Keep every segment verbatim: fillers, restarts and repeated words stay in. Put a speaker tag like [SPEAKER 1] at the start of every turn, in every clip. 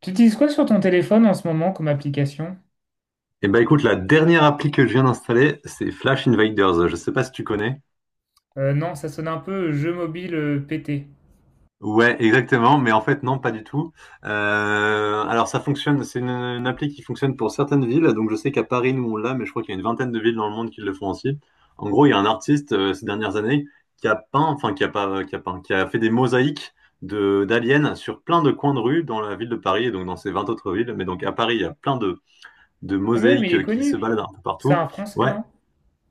[SPEAKER 1] Tu utilises quoi sur ton téléphone en ce moment comme application?
[SPEAKER 2] Eh ben écoute, la dernière appli que je viens d'installer, c'est Flash Invaders. Je sais pas si tu connais.
[SPEAKER 1] Euh, non, ça sonne un peu jeu mobile euh, pété.
[SPEAKER 2] Ouais, exactement, mais en fait non, pas du tout. Euh, alors ça fonctionne, c'est une, une appli qui fonctionne pour certaines villes. Donc je sais qu'à Paris nous on l'a, mais je crois qu'il y a une vingtaine de villes dans le monde qui le font aussi. En gros, il y a un artiste euh, ces dernières années qui a peint, enfin qui a pas, euh, qui a peint, qui a fait des mosaïques de d'aliens sur plein de coins de rue dans la ville de Paris et donc dans ces vingt autres villes. Mais donc à Paris, il y a plein de de
[SPEAKER 1] Ah mais oui, mais il est
[SPEAKER 2] mosaïques qui se
[SPEAKER 1] connu.
[SPEAKER 2] baladent un peu
[SPEAKER 1] C'est
[SPEAKER 2] partout.
[SPEAKER 1] un français,
[SPEAKER 2] Ouais.
[SPEAKER 1] non?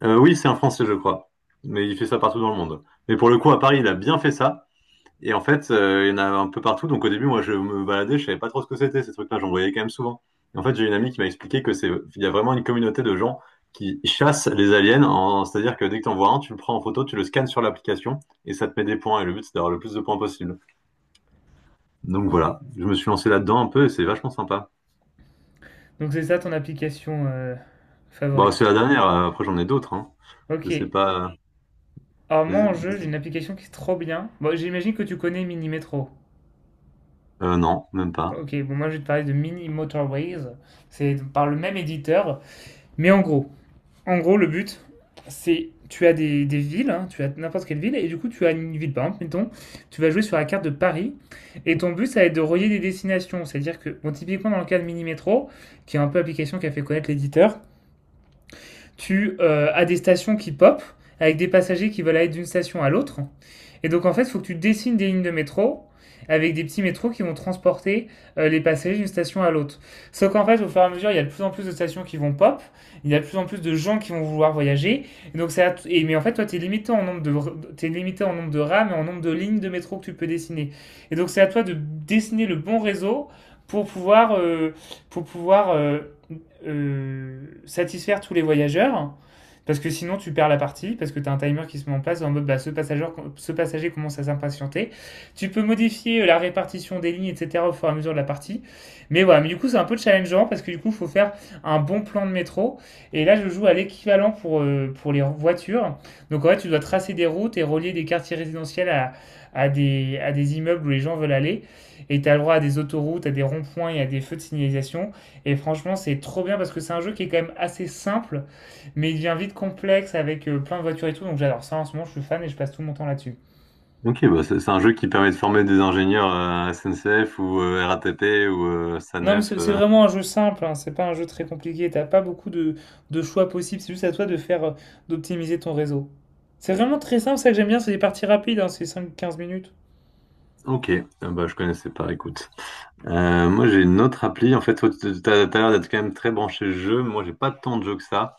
[SPEAKER 2] Euh, oui, c'est un Français, je crois. Mais il fait ça partout dans le monde. Mais pour le coup, à Paris, il a bien fait ça. Et en fait, euh, il y en a un peu partout. Donc au début, moi, je me baladais, je savais pas trop ce que c'était, ces trucs-là. J'en voyais quand même souvent. Et en fait, j'ai une amie qui m'a expliqué que c'est, il y a vraiment une communauté de gens qui chassent les aliens. en- C'est-à-dire que dès que t'en vois un, tu le prends en photo, tu le scannes sur l'application et ça te met des points. Et le but, c'est d'avoir le plus de points possible. Donc voilà, je me suis lancé là-dedans un peu et c'est vachement sympa.
[SPEAKER 1] Donc c'est ça ton application euh,
[SPEAKER 2] Bon,
[SPEAKER 1] favorite.
[SPEAKER 2] c'est la dernière. euh, Après, j'en ai d'autres. Hein. Je
[SPEAKER 1] Ok.
[SPEAKER 2] sais pas.
[SPEAKER 1] Alors moi
[SPEAKER 2] Vas-y.
[SPEAKER 1] en jeu, j'ai
[SPEAKER 2] dis-
[SPEAKER 1] une application qui est trop bien. Bon, j'imagine que tu connais Mini Metro.
[SPEAKER 2] Euh, non, même pas.
[SPEAKER 1] Ok, bon moi je vais te parler de Mini Motorways. C'est par le même éditeur. Mais en gros, En gros, le but, c'est tu as des, des villes, hein, tu as n'importe quelle ville, et du coup, tu as une ville, par exemple, mettons, tu vas jouer sur la carte de Paris, et ton but, ça va être de relier des destinations. C'est-à-dire que, bon, typiquement, dans le cas de Mini Metro, qui est un peu l'application qui a fait connaître l'éditeur, tu euh, as des stations qui pop avec des passagers qui veulent aller d'une station à l'autre. Et donc en fait, il faut que tu dessines des lignes de métro avec des petits métros qui vont transporter euh, les passagers d'une station à l'autre. Sauf qu'en fait, au fur et à mesure, il y a de plus en plus de stations qui vont pop, il y a de plus en plus de gens qui vont vouloir voyager. Et donc, ça, et, mais en fait, toi, tu es, limité en nombre de- t'es limité en nombre de rames et en nombre de lignes de métro que tu peux dessiner. Et donc, c'est à toi de dessiner le bon réseau pour pouvoir, euh, pour pouvoir euh, euh, satisfaire tous les voyageurs. Parce que sinon, tu perds la partie, parce que tu as un timer qui se met en place en mode bah, ce, passager, ce passager commence à s'impatienter. Tu peux modifier euh, la répartition des lignes, et cetera au fur et à mesure de la partie. Mais voilà, mais du coup, c'est un peu challengeant parce que du coup, il faut faire un bon plan de métro. Et là, je joue à l'équivalent pour, euh, pour les voitures. Donc en fait, tu dois tracer des routes et relier des quartiers résidentiels à, à, des, à des immeubles où les gens veulent aller. Et tu as le droit à des autoroutes, à des ronds-points et à des feux de signalisation. Et franchement, c'est trop bien parce que c'est un jeu qui est quand même assez simple, mais il devient vite complexe avec euh, plein de voitures et tout. Donc j'adore ça en ce moment, je suis fan et je passe tout mon temps là-dessus.
[SPEAKER 2] Ok, bah c'est c'est un jeu qui permet de former des ingénieurs euh, S N C F ou euh, R A T P ou euh,
[SPEAKER 1] Non, mais
[SPEAKER 2] SANEF.
[SPEAKER 1] c'est c'est
[SPEAKER 2] euh.
[SPEAKER 1] vraiment un jeu simple, hein, c'est pas un jeu très compliqué. T'as pas beaucoup de, de choix possibles, c'est juste à toi de faire euh, d'optimiser ton réseau. C'est vraiment très simple, ça que j'aime bien, c'est des parties rapides, hein, c'est cinq quinze minutes.
[SPEAKER 2] Ok, ah bah, je connaissais pas, écoute. Euh, moi j'ai une autre appli, en fait, toi, tu- t'as t'as l'air d'être quand même très branché jeu, moi j'ai pas tant de jeux que ça.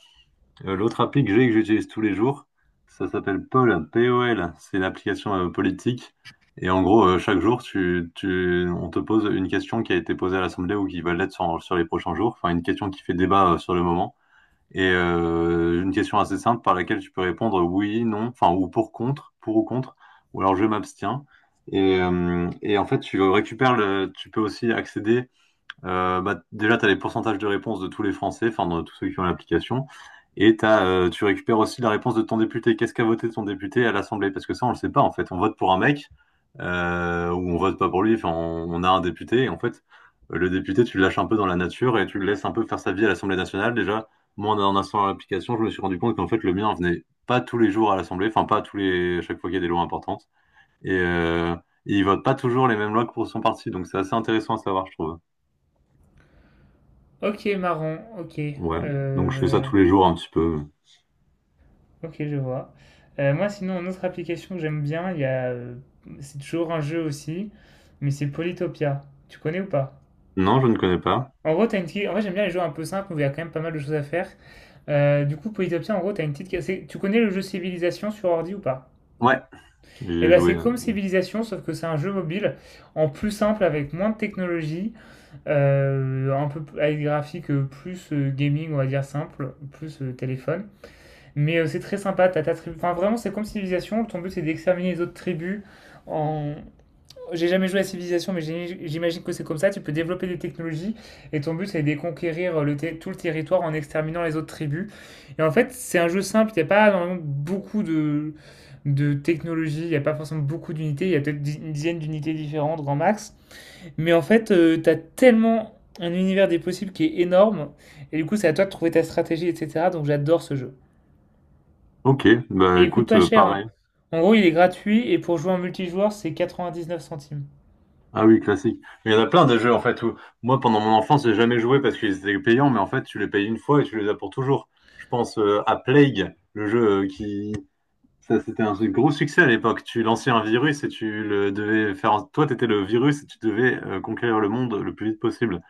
[SPEAKER 2] Euh, l'autre appli que j'ai et que j'utilise tous les jours, ça s'appelle Poll, P O L, c'est l'application euh, politique. Et en gros, euh, chaque jour, tu, tu, on te pose une question qui a été posée à l'Assemblée ou qui va l'être sur, sur les prochains jours, enfin une question qui fait débat euh, sur le moment. Et euh, une question assez simple par laquelle tu peux répondre oui, non, enfin ou pour contre, pour ou contre, ou alors je m'abstiens. Et, euh, et en fait, tu récupères le, tu peux aussi accéder, euh, bah, déjà, tu as les pourcentages de réponse de tous les Français, enfin de tous ceux qui ont l'application, et t'as, euh, tu récupères aussi la réponse de ton député. Qu'est-ce qu'a voté ton député à l'Assemblée? Parce que ça, on le sait pas en fait. On vote pour un mec, euh, ou on vote pas pour lui. Enfin, on, on a un député et en fait, le député, tu le lâches un peu dans la nature et tu le laisses un peu faire sa vie à l'Assemblée nationale. Déjà, moi, en, en installant l'application, je me suis rendu compte qu'en fait, le mien venait pas tous les jours à l'Assemblée, enfin pas tous les chaque fois qu'il y a des lois importantes, et euh, il vote pas toujours les mêmes lois que pour son parti. Donc c'est assez intéressant à savoir, je trouve.
[SPEAKER 1] Ok, marron, ok.
[SPEAKER 2] Ouais. Donc je fais ça
[SPEAKER 1] Euh,
[SPEAKER 2] tous les jours un petit peu.
[SPEAKER 1] ok, je vois. Euh, moi, sinon, une autre application que j'aime bien, il y a, euh, c'est toujours un jeu aussi, mais c'est Polytopia. Tu connais ou pas?
[SPEAKER 2] Non, je ne connais pas.
[SPEAKER 1] En gros, t'as une petite- En vrai, j'aime bien les jeux un peu simples où il y a quand même pas mal de choses à faire. Euh, du coup, petit en gros, t'as une petite. C'est- Tu connais le jeu Civilisation sur ordi ou pas?
[SPEAKER 2] Ouais, j'y
[SPEAKER 1] Eh
[SPEAKER 2] ai
[SPEAKER 1] ben,
[SPEAKER 2] joué.
[SPEAKER 1] c'est comme Civilisation, sauf que c'est un jeu mobile en plus simple avec moins de technologie, euh, un peu p- avec des graphiques euh, plus euh, gaming, on va dire simple, plus euh, téléphone. Mais euh, c'est très sympa. T'as ta tribu. Enfin, vraiment, c'est comme Civilisation. Ton but, c'est d'exterminer les autres tribus en, j'ai jamais joué à Civilization, mais j'ai- j'imagine que c'est comme ça. Tu peux développer des technologies et ton but, c'est de conquérir le ter- tout le territoire en exterminant les autres tribus. Et en fait, c'est un jeu simple. Il n'y a pas vraiment beaucoup de, de technologies. Il n'y a pas forcément beaucoup d'unités. Il y a peut-être dix- une dizaine d'unités différentes, grand max. Mais en fait, tu as tellement un univers des possibles qui est énorme. Et du coup, c'est à toi de trouver ta stratégie, et cetera. Donc, j'adore ce jeu.
[SPEAKER 2] Ok, bah
[SPEAKER 1] Et il coûte
[SPEAKER 2] écoute,
[SPEAKER 1] pas
[SPEAKER 2] euh,
[SPEAKER 1] cher, hein.
[SPEAKER 2] pareil.
[SPEAKER 1] En gros, il est gratuit et pour jouer en multijoueur, c'est 99 centimes.
[SPEAKER 2] Ah oui, classique. Mais il y en a plein des jeux en fait où moi pendant mon enfance j'ai jamais joué parce qu'ils étaient payants, mais en fait tu les payes une fois et tu les as pour toujours. Je pense euh, à Plague, le jeu, euh, qui ça c'était un gros succès à l'époque. Tu lançais un virus et tu le devais faire. Toi t'étais le virus et tu devais euh, conquérir le monde le plus vite possible.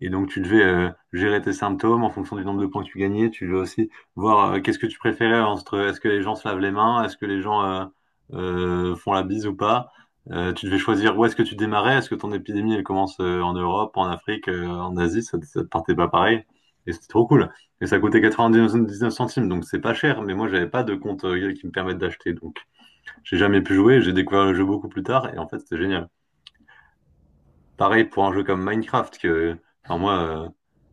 [SPEAKER 2] Et donc, tu devais euh, gérer tes symptômes en fonction du nombre de points que tu gagnais. Tu devais aussi voir, euh, qu'est-ce que tu préférais entre est-ce que les gens se lavent les mains, est-ce que les gens euh, euh, font la bise ou pas. Euh, tu devais choisir où est-ce que tu démarrais. Est-ce que ton épidémie, elle commence, euh, en Europe, en Afrique, euh, en Asie? Ça, ça te partait pas pareil. Et c'était trop cool. Et ça coûtait quatre-vingt-dix-neuf centimes, donc c'est pas cher. Mais moi, j'avais pas de compte, euh, qui me permette d'acheter. Donc, j'ai jamais pu jouer. J'ai découvert le jeu beaucoup plus tard. Et en fait, c'était génial. Pareil pour un jeu comme Minecraft, que, enfin moi,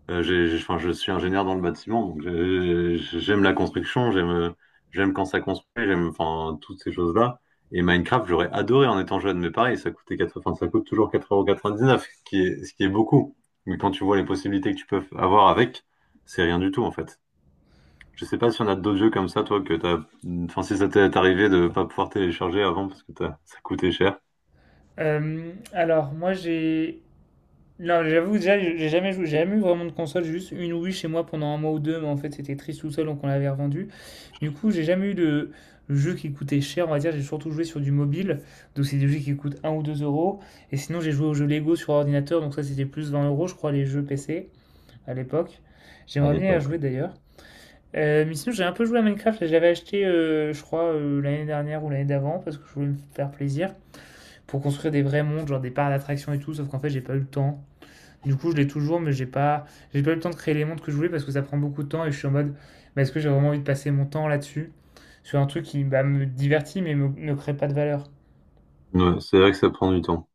[SPEAKER 2] euh, euh, j'ai- j'ai- enfin, je suis ingénieur dans le bâtiment, donc j'ai- j'ai- j'aime la construction, j'aime, euh, j'aime quand ça construit, j'aime, enfin, toutes ces choses-là. Et Minecraft, j'aurais adoré en étant jeune, mais pareil, ça coûtait quatre. Enfin, ça coûte toujours quatre euros quatre-vingt-dix-neuf, ce qui est, ce qui est beaucoup. Mais quand tu vois les possibilités que tu peux avoir avec, c'est rien du tout, en fait. Je sais pas si on a d'autres jeux comme ça, toi, que t'as, enfin, si ça t'est arrivé de pas pouvoir télécharger avant parce que t'as- ça coûtait cher.
[SPEAKER 1] Euh, alors, moi, j'ai. Non, j'avoue, déjà, j'ai jamais joué, j'ai jamais eu vraiment de console, j'ai juste une Wii chez moi pendant un mois ou deux, mais en fait, c'était triste tout seul, donc on l'avait revendu. Du coup, j'ai jamais eu de jeu qui coûtait cher, on va dire, j'ai surtout joué sur du mobile, donc c'est des jeux qui coûtent un ou deux euros. Et sinon, j'ai joué aux jeux Lego sur ordinateur, donc ça, c'était plus vingt euros, je crois, les jeux P C à l'époque.
[SPEAKER 2] À
[SPEAKER 1] J'aimerais bien y
[SPEAKER 2] l'époque.
[SPEAKER 1] rejouer d'ailleurs. Euh, mais sinon, j'ai un peu joué à Minecraft, et j'avais acheté, euh, je crois, euh, l'année dernière ou l'année d'avant, parce que je voulais me faire plaisir pour construire des vrais montres, genre des parcs d'attractions et tout, sauf qu'en fait j'ai pas eu le temps. Du coup je l'ai toujours mais j'ai pas, j'ai pas eu le temps de créer les montres que je voulais parce que ça prend beaucoup de temps et je suis en mode bah, est-ce que j'ai vraiment envie de passer mon temps là-dessus sur un truc qui bah, me divertit mais me- ne crée pas de valeur.
[SPEAKER 2] Ouais, c'est vrai que ça prend du temps.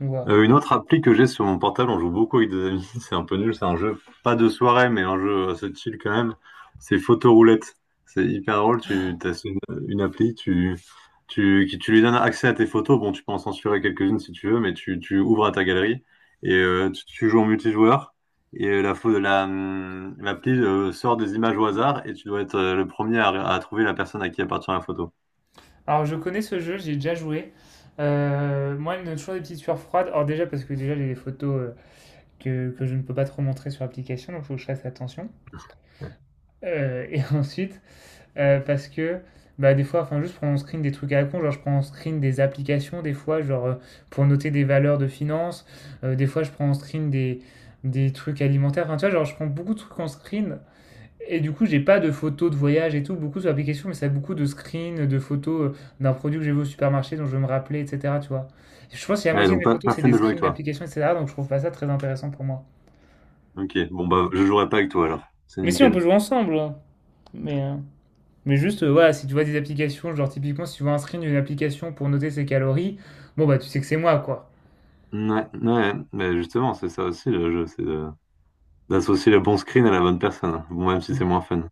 [SPEAKER 1] Donc voilà.
[SPEAKER 2] Euh, une autre appli que j'ai sur mon portable, on joue beaucoup avec des amis, c'est un peu nul, c'est un jeu pas de soirée, mais un jeu assez chill quand même, c'est Photoroulette. C'est hyper drôle, tu as une, une appli, tu, tu, qui- tu lui donnes accès à tes photos, bon tu peux en censurer quelques-unes si tu veux, mais tu, tu ouvres à ta galerie et euh, tu, tu joues en multijoueur et euh, la, pho- la, hum, l'appli euh, sort des images au hasard et tu dois être, euh, le premier à, à trouver la personne à qui appartient la photo.
[SPEAKER 1] Alors je connais ce jeu, j'ai déjà joué. Euh, moi, il me donne toujours des petites sueurs froides. Alors déjà parce que déjà j'ai des photos euh, que, que je ne peux pas trop montrer sur l'application, donc il faut que je fasse attention. Euh, et ensuite, Euh, parce que bah, des fois, enfin, juste prendre en screen des trucs à la con, genre je prends en screen des applications, des fois, genre euh, pour noter des valeurs de finance, Euh, des fois je prends en screen des, des trucs alimentaires, enfin, tu vois, genre je prends beaucoup de trucs en screen, et du coup, j'ai pas de photos de voyage et tout, beaucoup sur l'application, mais ça a beaucoup de screens, de photos euh, d'un produit que j'ai vu au supermarché, dont je veux me rappeler, et cetera, tu vois. Je pense que si la
[SPEAKER 2] Ouais,
[SPEAKER 1] moitié de
[SPEAKER 2] donc
[SPEAKER 1] mes
[SPEAKER 2] pas,
[SPEAKER 1] photos,
[SPEAKER 2] pas
[SPEAKER 1] c'est
[SPEAKER 2] fun
[SPEAKER 1] des
[SPEAKER 2] de jouer avec
[SPEAKER 1] screens
[SPEAKER 2] toi.
[SPEAKER 1] d'applications, et cetera, donc je trouve pas ça très intéressant pour moi.
[SPEAKER 2] Ok, bon bah je jouerai pas avec toi alors, c'est
[SPEAKER 1] Mais si, on peut
[SPEAKER 2] nickel.
[SPEAKER 1] jouer ensemble, hein. mais... euh, Mais juste, euh, voilà, si tu vois des applications, genre typiquement, si tu vois un screen d'une application pour noter ses calories, bon, bah, tu sais que c'est moi, quoi.
[SPEAKER 2] Ouais, ouais, mais justement, c'est ça aussi le jeu, c'est de- d'associer le bon screen à la bonne personne. Bon, même si c'est
[SPEAKER 1] Mm.
[SPEAKER 2] moins fun.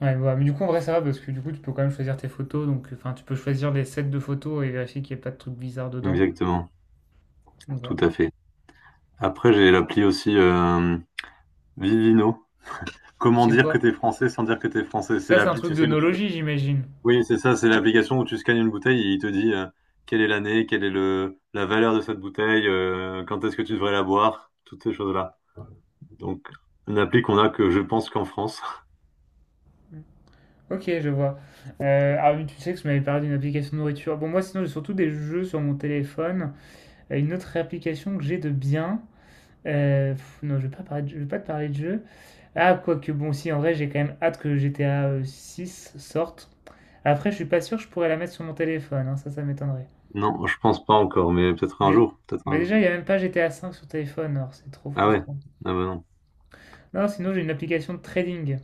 [SPEAKER 1] Ouais, voilà. Mais du coup, en vrai, ça va parce que du coup, tu peux quand même choisir tes photos. Donc, enfin, tu peux choisir les sets de photos et vérifier qu'il n'y a pas de trucs bizarres dedans.
[SPEAKER 2] Exactement,
[SPEAKER 1] Donc,
[SPEAKER 2] tout
[SPEAKER 1] voilà.
[SPEAKER 2] à fait. Après, j'ai l'appli aussi, euh, Vivino. Comment
[SPEAKER 1] C'est
[SPEAKER 2] dire que
[SPEAKER 1] quoi?
[SPEAKER 2] t'es français sans dire que t'es français? C'est
[SPEAKER 1] Ça, c'est un
[SPEAKER 2] l'appli,
[SPEAKER 1] truc
[SPEAKER 2] tu
[SPEAKER 1] de
[SPEAKER 2] sais, où tu peux-.
[SPEAKER 1] nologie, j'imagine.
[SPEAKER 2] Oui, c'est ça, c'est l'application où tu scannes une bouteille et il te dit, euh, quelle est l'année, quelle est le la valeur de cette bouteille, euh, quand est-ce que tu devrais la boire, toutes ces choses-là. Donc, une appli qu'on a que je pense qu'en France.
[SPEAKER 1] Ok, je vois. Euh, ah oui, tu sais que je m'avais parlé d'une application de nourriture. Bon, moi, sinon, j'ai surtout des jeux sur mon téléphone. Euh, Une autre application que j'ai de bien, Heu, non, je ne vais pas parler de je vais pas te parler de jeu. Ah, quoique bon, si, en vrai, j'ai quand même hâte que G T A, heu, six sorte. Après, je suis pas sûr que je pourrais la mettre sur mon téléphone, hein, ça, ça m'étonnerait.
[SPEAKER 2] Non, je pense pas encore, mais peut-être un
[SPEAKER 1] Dé
[SPEAKER 2] jour, peut-être
[SPEAKER 1] Mais
[SPEAKER 2] un jour.
[SPEAKER 1] déjà, il y a même pas G T A cinq sur téléphone, alors c'est trop
[SPEAKER 2] Ah ouais,
[SPEAKER 1] frustrant.
[SPEAKER 2] ah bah non.
[SPEAKER 1] Non, sinon, j'ai une application de trading,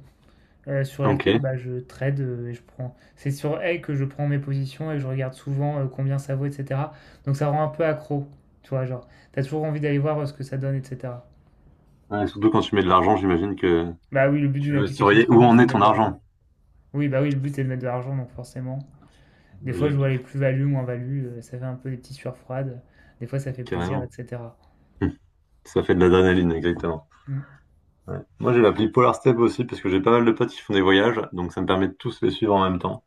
[SPEAKER 1] heu, sur laquelle,
[SPEAKER 2] OK.
[SPEAKER 1] bah, je trade, heu, et je prends c'est sur elle que je prends mes positions et que je regarde souvent, heu, combien ça vaut et cetera. Donc ça rend un peu accro, tu vois? Genre, t'as toujours envie d'aller voir, heu, ce que ça donne et cetera.
[SPEAKER 2] Ouais, surtout quand tu mets de l'argent, j'imagine que
[SPEAKER 1] Bah oui, le but
[SPEAKER 2] tu
[SPEAKER 1] d'une
[SPEAKER 2] veux
[SPEAKER 1] application de
[SPEAKER 2] surveiller où
[SPEAKER 1] trading,
[SPEAKER 2] en
[SPEAKER 1] c'est
[SPEAKER 2] est
[SPEAKER 1] de mettre
[SPEAKER 2] ton
[SPEAKER 1] de l'argent.
[SPEAKER 2] argent.
[SPEAKER 1] Oui, bah oui, le but c'est de mettre de l'argent, donc forcément. Des fois, je
[SPEAKER 2] Logique,
[SPEAKER 1] vois les plus-values, moins-values, euh, ça fait un peu des petites sueurs froides. Des fois, ça fait plaisir,
[SPEAKER 2] carrément.
[SPEAKER 1] et cetera.
[SPEAKER 2] Hum, Ça fait de l'adrénaline, exactement.
[SPEAKER 1] Mm.
[SPEAKER 2] Ouais. Moi, j'ai l'appli Polar Step aussi parce que j'ai pas mal de potes qui font des voyages, donc ça me permet de tous les suivre en même temps.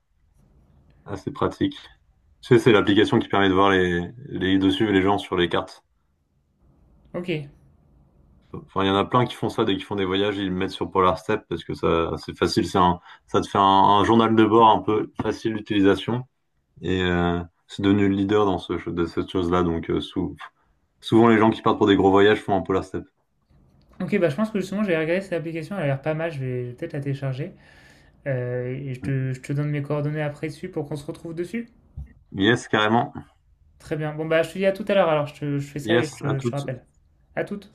[SPEAKER 2] Assez pratique. Tu sais, c'est l'application qui permet de voir les, les, de suivre les gens sur les cartes.
[SPEAKER 1] Ok.
[SPEAKER 2] Enfin, il y en a plein qui font ça dès qu'ils font des voyages, ils le mettent sur Polar Step parce que ça, c'est facile, c'est un, ça te fait un, un journal de bord un peu facile d'utilisation. Et euh, c'est devenu le leader dans ce, de cette chose-là. Donc euh, sou- souvent les gens qui partent pour des gros voyages font un polar step.
[SPEAKER 1] Ok, bah je pense que justement, j'ai regardé cette application, elle a l'air pas mal, je vais, je vais peut-être la télécharger. Euh, et je te, je te donne mes coordonnées après dessus pour qu'on se retrouve dessus.
[SPEAKER 2] Yes, carrément.
[SPEAKER 1] Très bien. Bon, bah je te dis à tout à l'heure alors, je, te- je fais ça et je
[SPEAKER 2] Yes, à
[SPEAKER 1] te, je te
[SPEAKER 2] toutes.
[SPEAKER 1] rappelle. À toute.